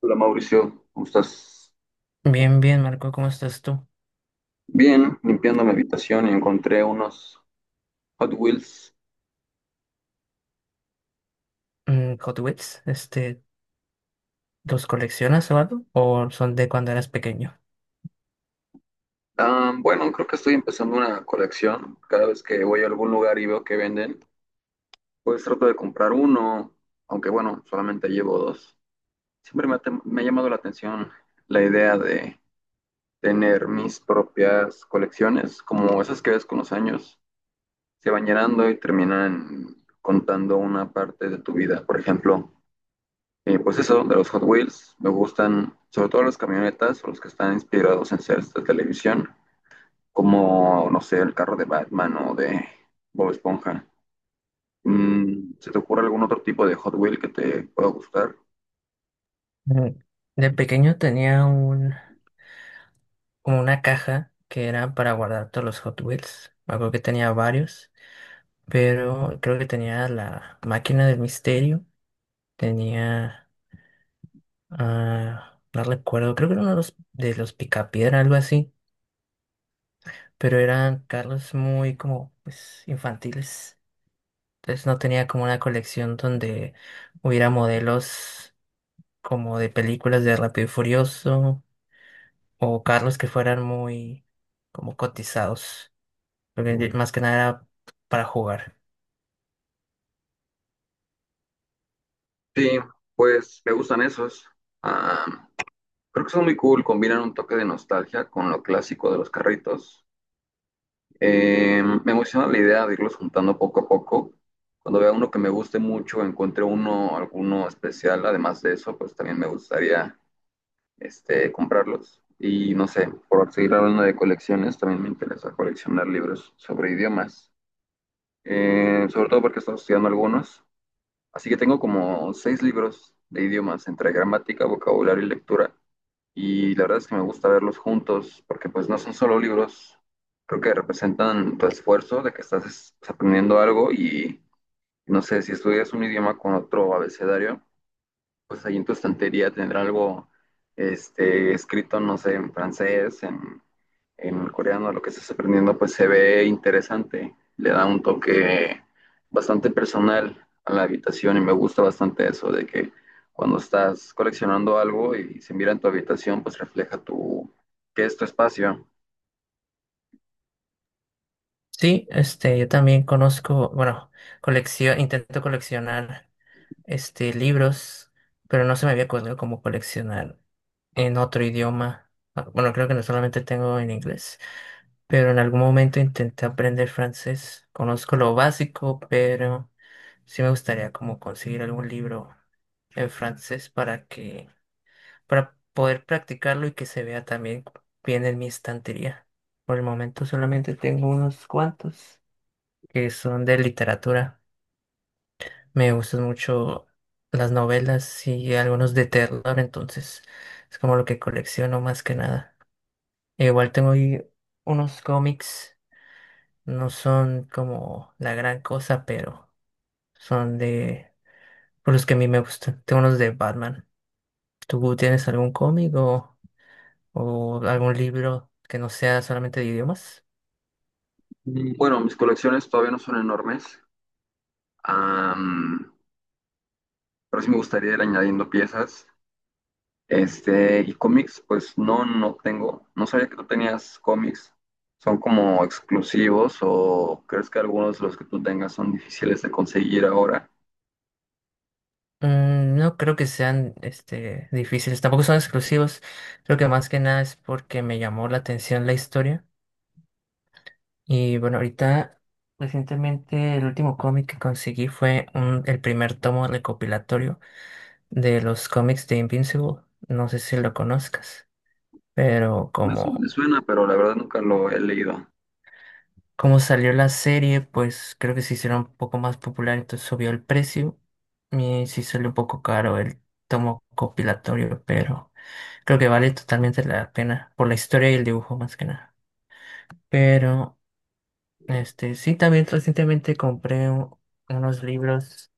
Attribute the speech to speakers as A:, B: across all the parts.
A: Hola Mauricio, ¿cómo estás?
B: Bien, bien, Marco, ¿cómo estás tú?
A: Bien, limpiando mi habitación y encontré unos Hot Wheels.
B: Hot Wheels, ¿los coleccionas o algo? ¿O son de cuando eras pequeño?
A: Bueno, Creo que estoy empezando una colección. Cada vez que voy a algún lugar y veo que venden, pues trato de comprar uno, aunque bueno, solamente llevo dos. Siempre me ha, tem- Me ha llamado la atención la idea de tener mis propias colecciones, como esas que ves con los años, se van llenando y terminan contando una parte de tu vida. Por ejemplo, de los Hot Wheels, me gustan sobre todo las camionetas o los que están inspirados en series de televisión, como, no sé, el carro de Batman o de Bob Esponja. Mm, ¿se te ocurre algún otro tipo de Hot Wheel que te pueda gustar?
B: Mm, De pequeño tenía como una caja que era para guardar todos los Hot Wheels. Algo que tenía varios, pero creo que tenía la máquina del misterio, tenía, no recuerdo, creo que era uno de los Picapiedra, algo así, pero eran carros muy como, pues, infantiles. Entonces no tenía como una colección donde hubiera modelos como de películas de Rápido y Furioso o carros que fueran muy como cotizados. Más que nada era para jugar.
A: Sí, pues me gustan esos. Ah, Creo que son muy cool, combinan un toque de nostalgia con lo clásico de los carritos. Me emociona la idea de irlos juntando poco a poco. Cuando vea uno que me guste mucho, encuentre uno, alguno especial, además de eso, pues también me gustaría comprarlos. Y no sé, por seguir hablando de colecciones, también me interesa coleccionar libros sobre idiomas. Sobre todo porque estoy estudiando algunos. Así que tengo como seis libros de idiomas, entre gramática, vocabulario y lectura, y la verdad es que me gusta verlos juntos, porque pues no son solo libros, creo que representan tu esfuerzo de que aprendiendo algo. Y no sé, si estudias un idioma con otro abecedario, pues ahí en tu estantería tendrá algo escrito, no sé, en francés, en coreano lo que estás aprendiendo, pues se ve interesante, le da un toque bastante personal a la habitación y me gusta bastante eso de que cuando estás coleccionando algo y se mira en tu habitación, pues refleja tu, que es tu espacio.
B: Sí, yo también conozco, bueno, colección, intento coleccionar libros, pero no se me había ocurrido como coleccionar en otro idioma. Ah, bueno, creo que no solamente tengo en inglés, pero en algún momento intenté aprender francés. Conozco lo básico, pero sí me gustaría como conseguir algún libro en para poder practicarlo y que se vea también bien en mi estantería. Por el momento solamente tengo unos cuantos que son de literatura. Me gustan mucho las novelas y algunos de terror, entonces es como lo que colecciono más que nada. Igual tengo ahí unos cómics. No son como la gran cosa, pero son de... por los que a mí me gustan. Tengo unos de Batman. ¿Tú tienes algún cómic o algún libro que no sea solamente de idiomas?
A: Bueno, mis colecciones todavía no son enormes, am, pero sí me gustaría ir añadiendo piezas. Y cómics, pues no, no tengo. No sabía que tú tenías cómics. ¿Son como exclusivos o crees que algunos de los que tú tengas son difíciles de conseguir ahora?
B: Mm, no creo que sean difíciles, tampoco son exclusivos. Creo que más que nada es porque me llamó la atención la historia. Y bueno, ahorita recientemente el último cómic que conseguí el primer tomo recopilatorio de los cómics de Invincible. No sé si lo conozcas. Pero como,
A: Me suena, pero la verdad nunca lo he leído.
B: Como salió la serie, pues creo que se hicieron un poco más popular, entonces subió el precio. Y sí salió un poco caro el tomo compilatorio, pero creo que vale totalmente la pena por la historia y el dibujo más que nada. Pero sí también recientemente unos libros,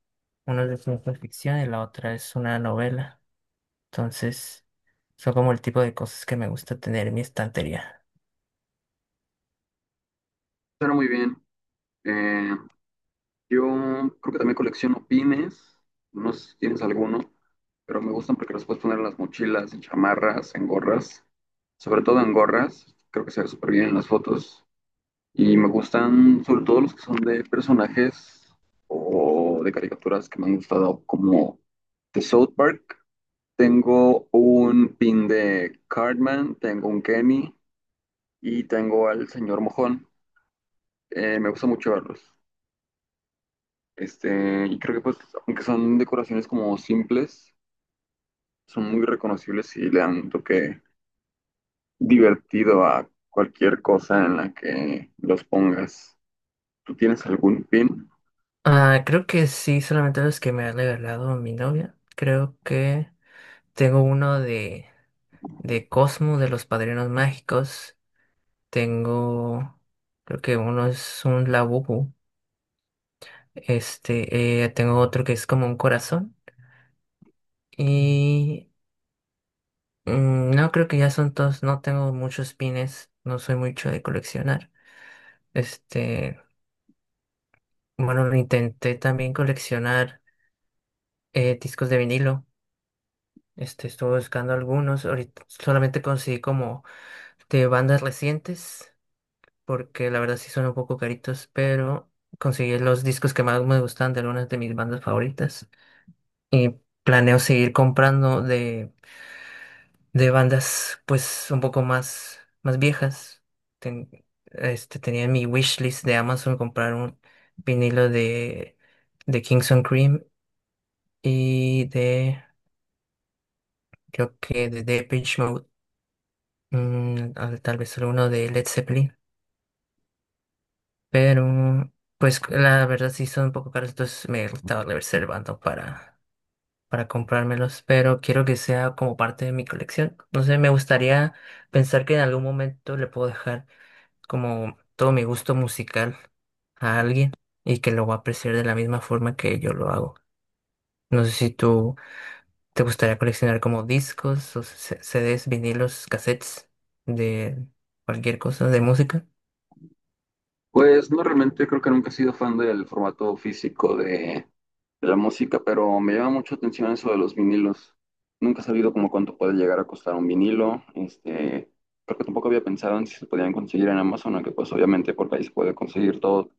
B: uno de ciencia ficción y la otra es una novela. Entonces, son como el tipo de cosas que me gusta tener en mi estantería.
A: Suena muy bien. Eh, yo creo que también colecciono pines. No sé si tienes alguno, pero me gustan porque los puedes poner en las mochilas, en chamarras, en gorras. Sobre todo en gorras. Creo que se ve súper bien en las fotos. Y me gustan sobre todo los que son de personajes o de caricaturas que me han gustado, como de South Park. Tengo un pin de Cartman, tengo un Kenny y tengo al señor Mojón. Me gusta mucho verlos. Y creo que pues, aunque son decoraciones como simples, son muy reconocibles y le dan un toque divertido a cualquier cosa en la que los pongas. ¿Tú tienes algún pin?
B: Ah, creo que sí, solamente los que me ha regalado mi novia. Creo que tengo uno de Cosmo, de los Padrinos Mágicos. Tengo, creo que uno es un Labubu. Tengo otro que es como un corazón. Y mm, no, creo que ya son todos. No tengo muchos pines, no soy mucho de coleccionar. Este, bueno, intenté también coleccionar discos de vinilo. Estuve buscando algunos. Ahorita solamente conseguí como de bandas recientes, porque la verdad sí son un poco caritos, pero conseguí los discos que más me gustan de algunas de mis bandas favoritas. Y planeo seguir comprando de bandas pues un poco más viejas. Ten- Tenía en mi wishlist de Amazon comprar un vinilo de Kingston Cream y de, creo que de Depeche Mode. Mm, a ver, tal vez solo uno de Led Zeppelin, pero pues la verdad sí son un poco caros, entonces me estaba reservando para comprármelos, pero quiero que sea como parte de mi colección. No sé, me gustaría pensar que en algún momento le puedo dejar como todo mi gusto musical a alguien y que lo va a apreciar de la misma forma que yo lo hago. No sé si tú te gustaría coleccionar como discos o CDs, vinilos, cassettes de cualquier cosa de música.
A: Pues no, realmente creo que nunca he sido fan del formato físico de la música, pero me llama mucho atención eso de los vinilos. Nunca he sabido como cuánto puede llegar a costar un vinilo. Creo que tampoco había pensado en si se podían conseguir en Amazon, aunque pues obviamente por ahí se puede conseguir todo.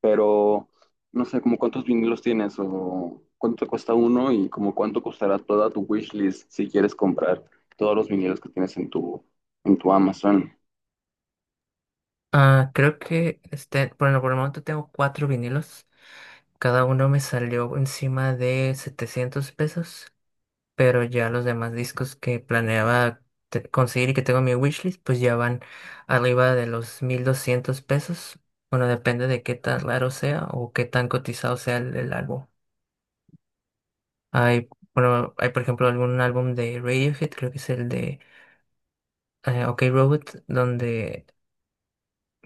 A: Pero no sé, como cuántos vinilos tienes o cuánto te cuesta uno y como cuánto costará toda tu wishlist si quieres comprar todos los vinilos que tienes en tu Amazon.
B: Ah, creo que bueno, por el momento tengo cuatro vinilos. Cada uno me salió encima de 700 pesos, pero ya los demás discos que planeaba conseguir y que tengo en mi wishlist, pues ya van arriba de los 1200 pesos. Bueno, depende de qué tan raro sea o qué tan cotizado sea el álbum. Hay, bueno, hay por ejemplo algún álbum de Radiohead, creo que es el de OK Robot, donde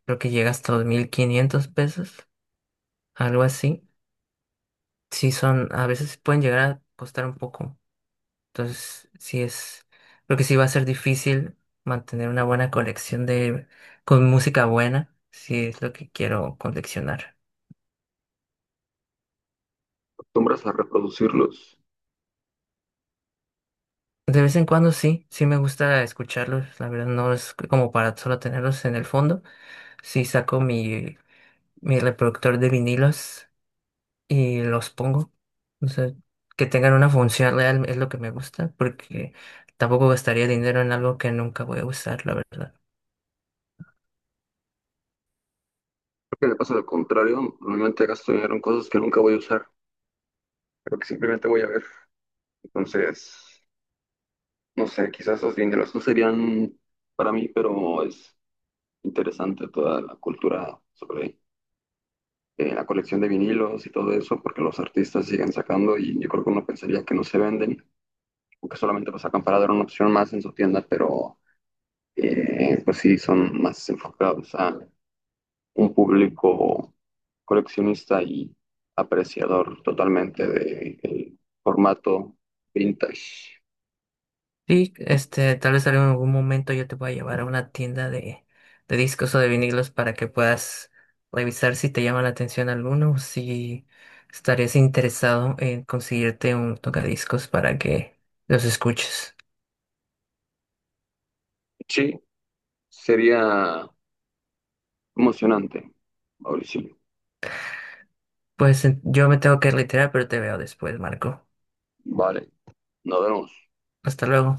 B: creo que llega hasta los 1500 pesos, algo así. Sí son, a veces pueden llegar a costar un poco. Entonces, sí es, creo que sí va a ser difícil mantener una buena colección de, con música buena, si es lo que quiero coleccionar.
A: ¿Acostumbras a reproducirlos?
B: De vez en cuando sí, sí me gusta escucharlos, la verdad no es como para solo tenerlos en el fondo. Sí saco mi reproductor de vinilos y los pongo. O sea, que tengan una función real es lo que me gusta, porque tampoco gastaría dinero en algo que nunca voy a usar, la verdad.
A: Que me pasa lo contrario, normalmente gasto dinero en cosas que nunca voy a usar, pero que simplemente voy a ver. Entonces, no sé, quizás los dineros no serían para mí, pero es interesante toda la cultura sobre la colección de vinilos y todo eso, porque los artistas siguen sacando y yo creo que uno pensaría que no se venden o que solamente lo sacan para dar una opción más en su tienda, pero pues sí, son más enfocados a un público coleccionista y apreciador totalmente del formato vintage.
B: Sí, tal vez en algún momento yo te voy a llevar a una tienda de discos o de vinilos para que puedas revisar si te llama la atención alguno o si estarías interesado en conseguirte un tocadiscos para que los escuches.
A: Sí, sería emocionante, Mauricio.
B: Pues yo me tengo que retirar, pero te veo después, Marco.
A: Vale, nos vemos.
B: Hasta luego.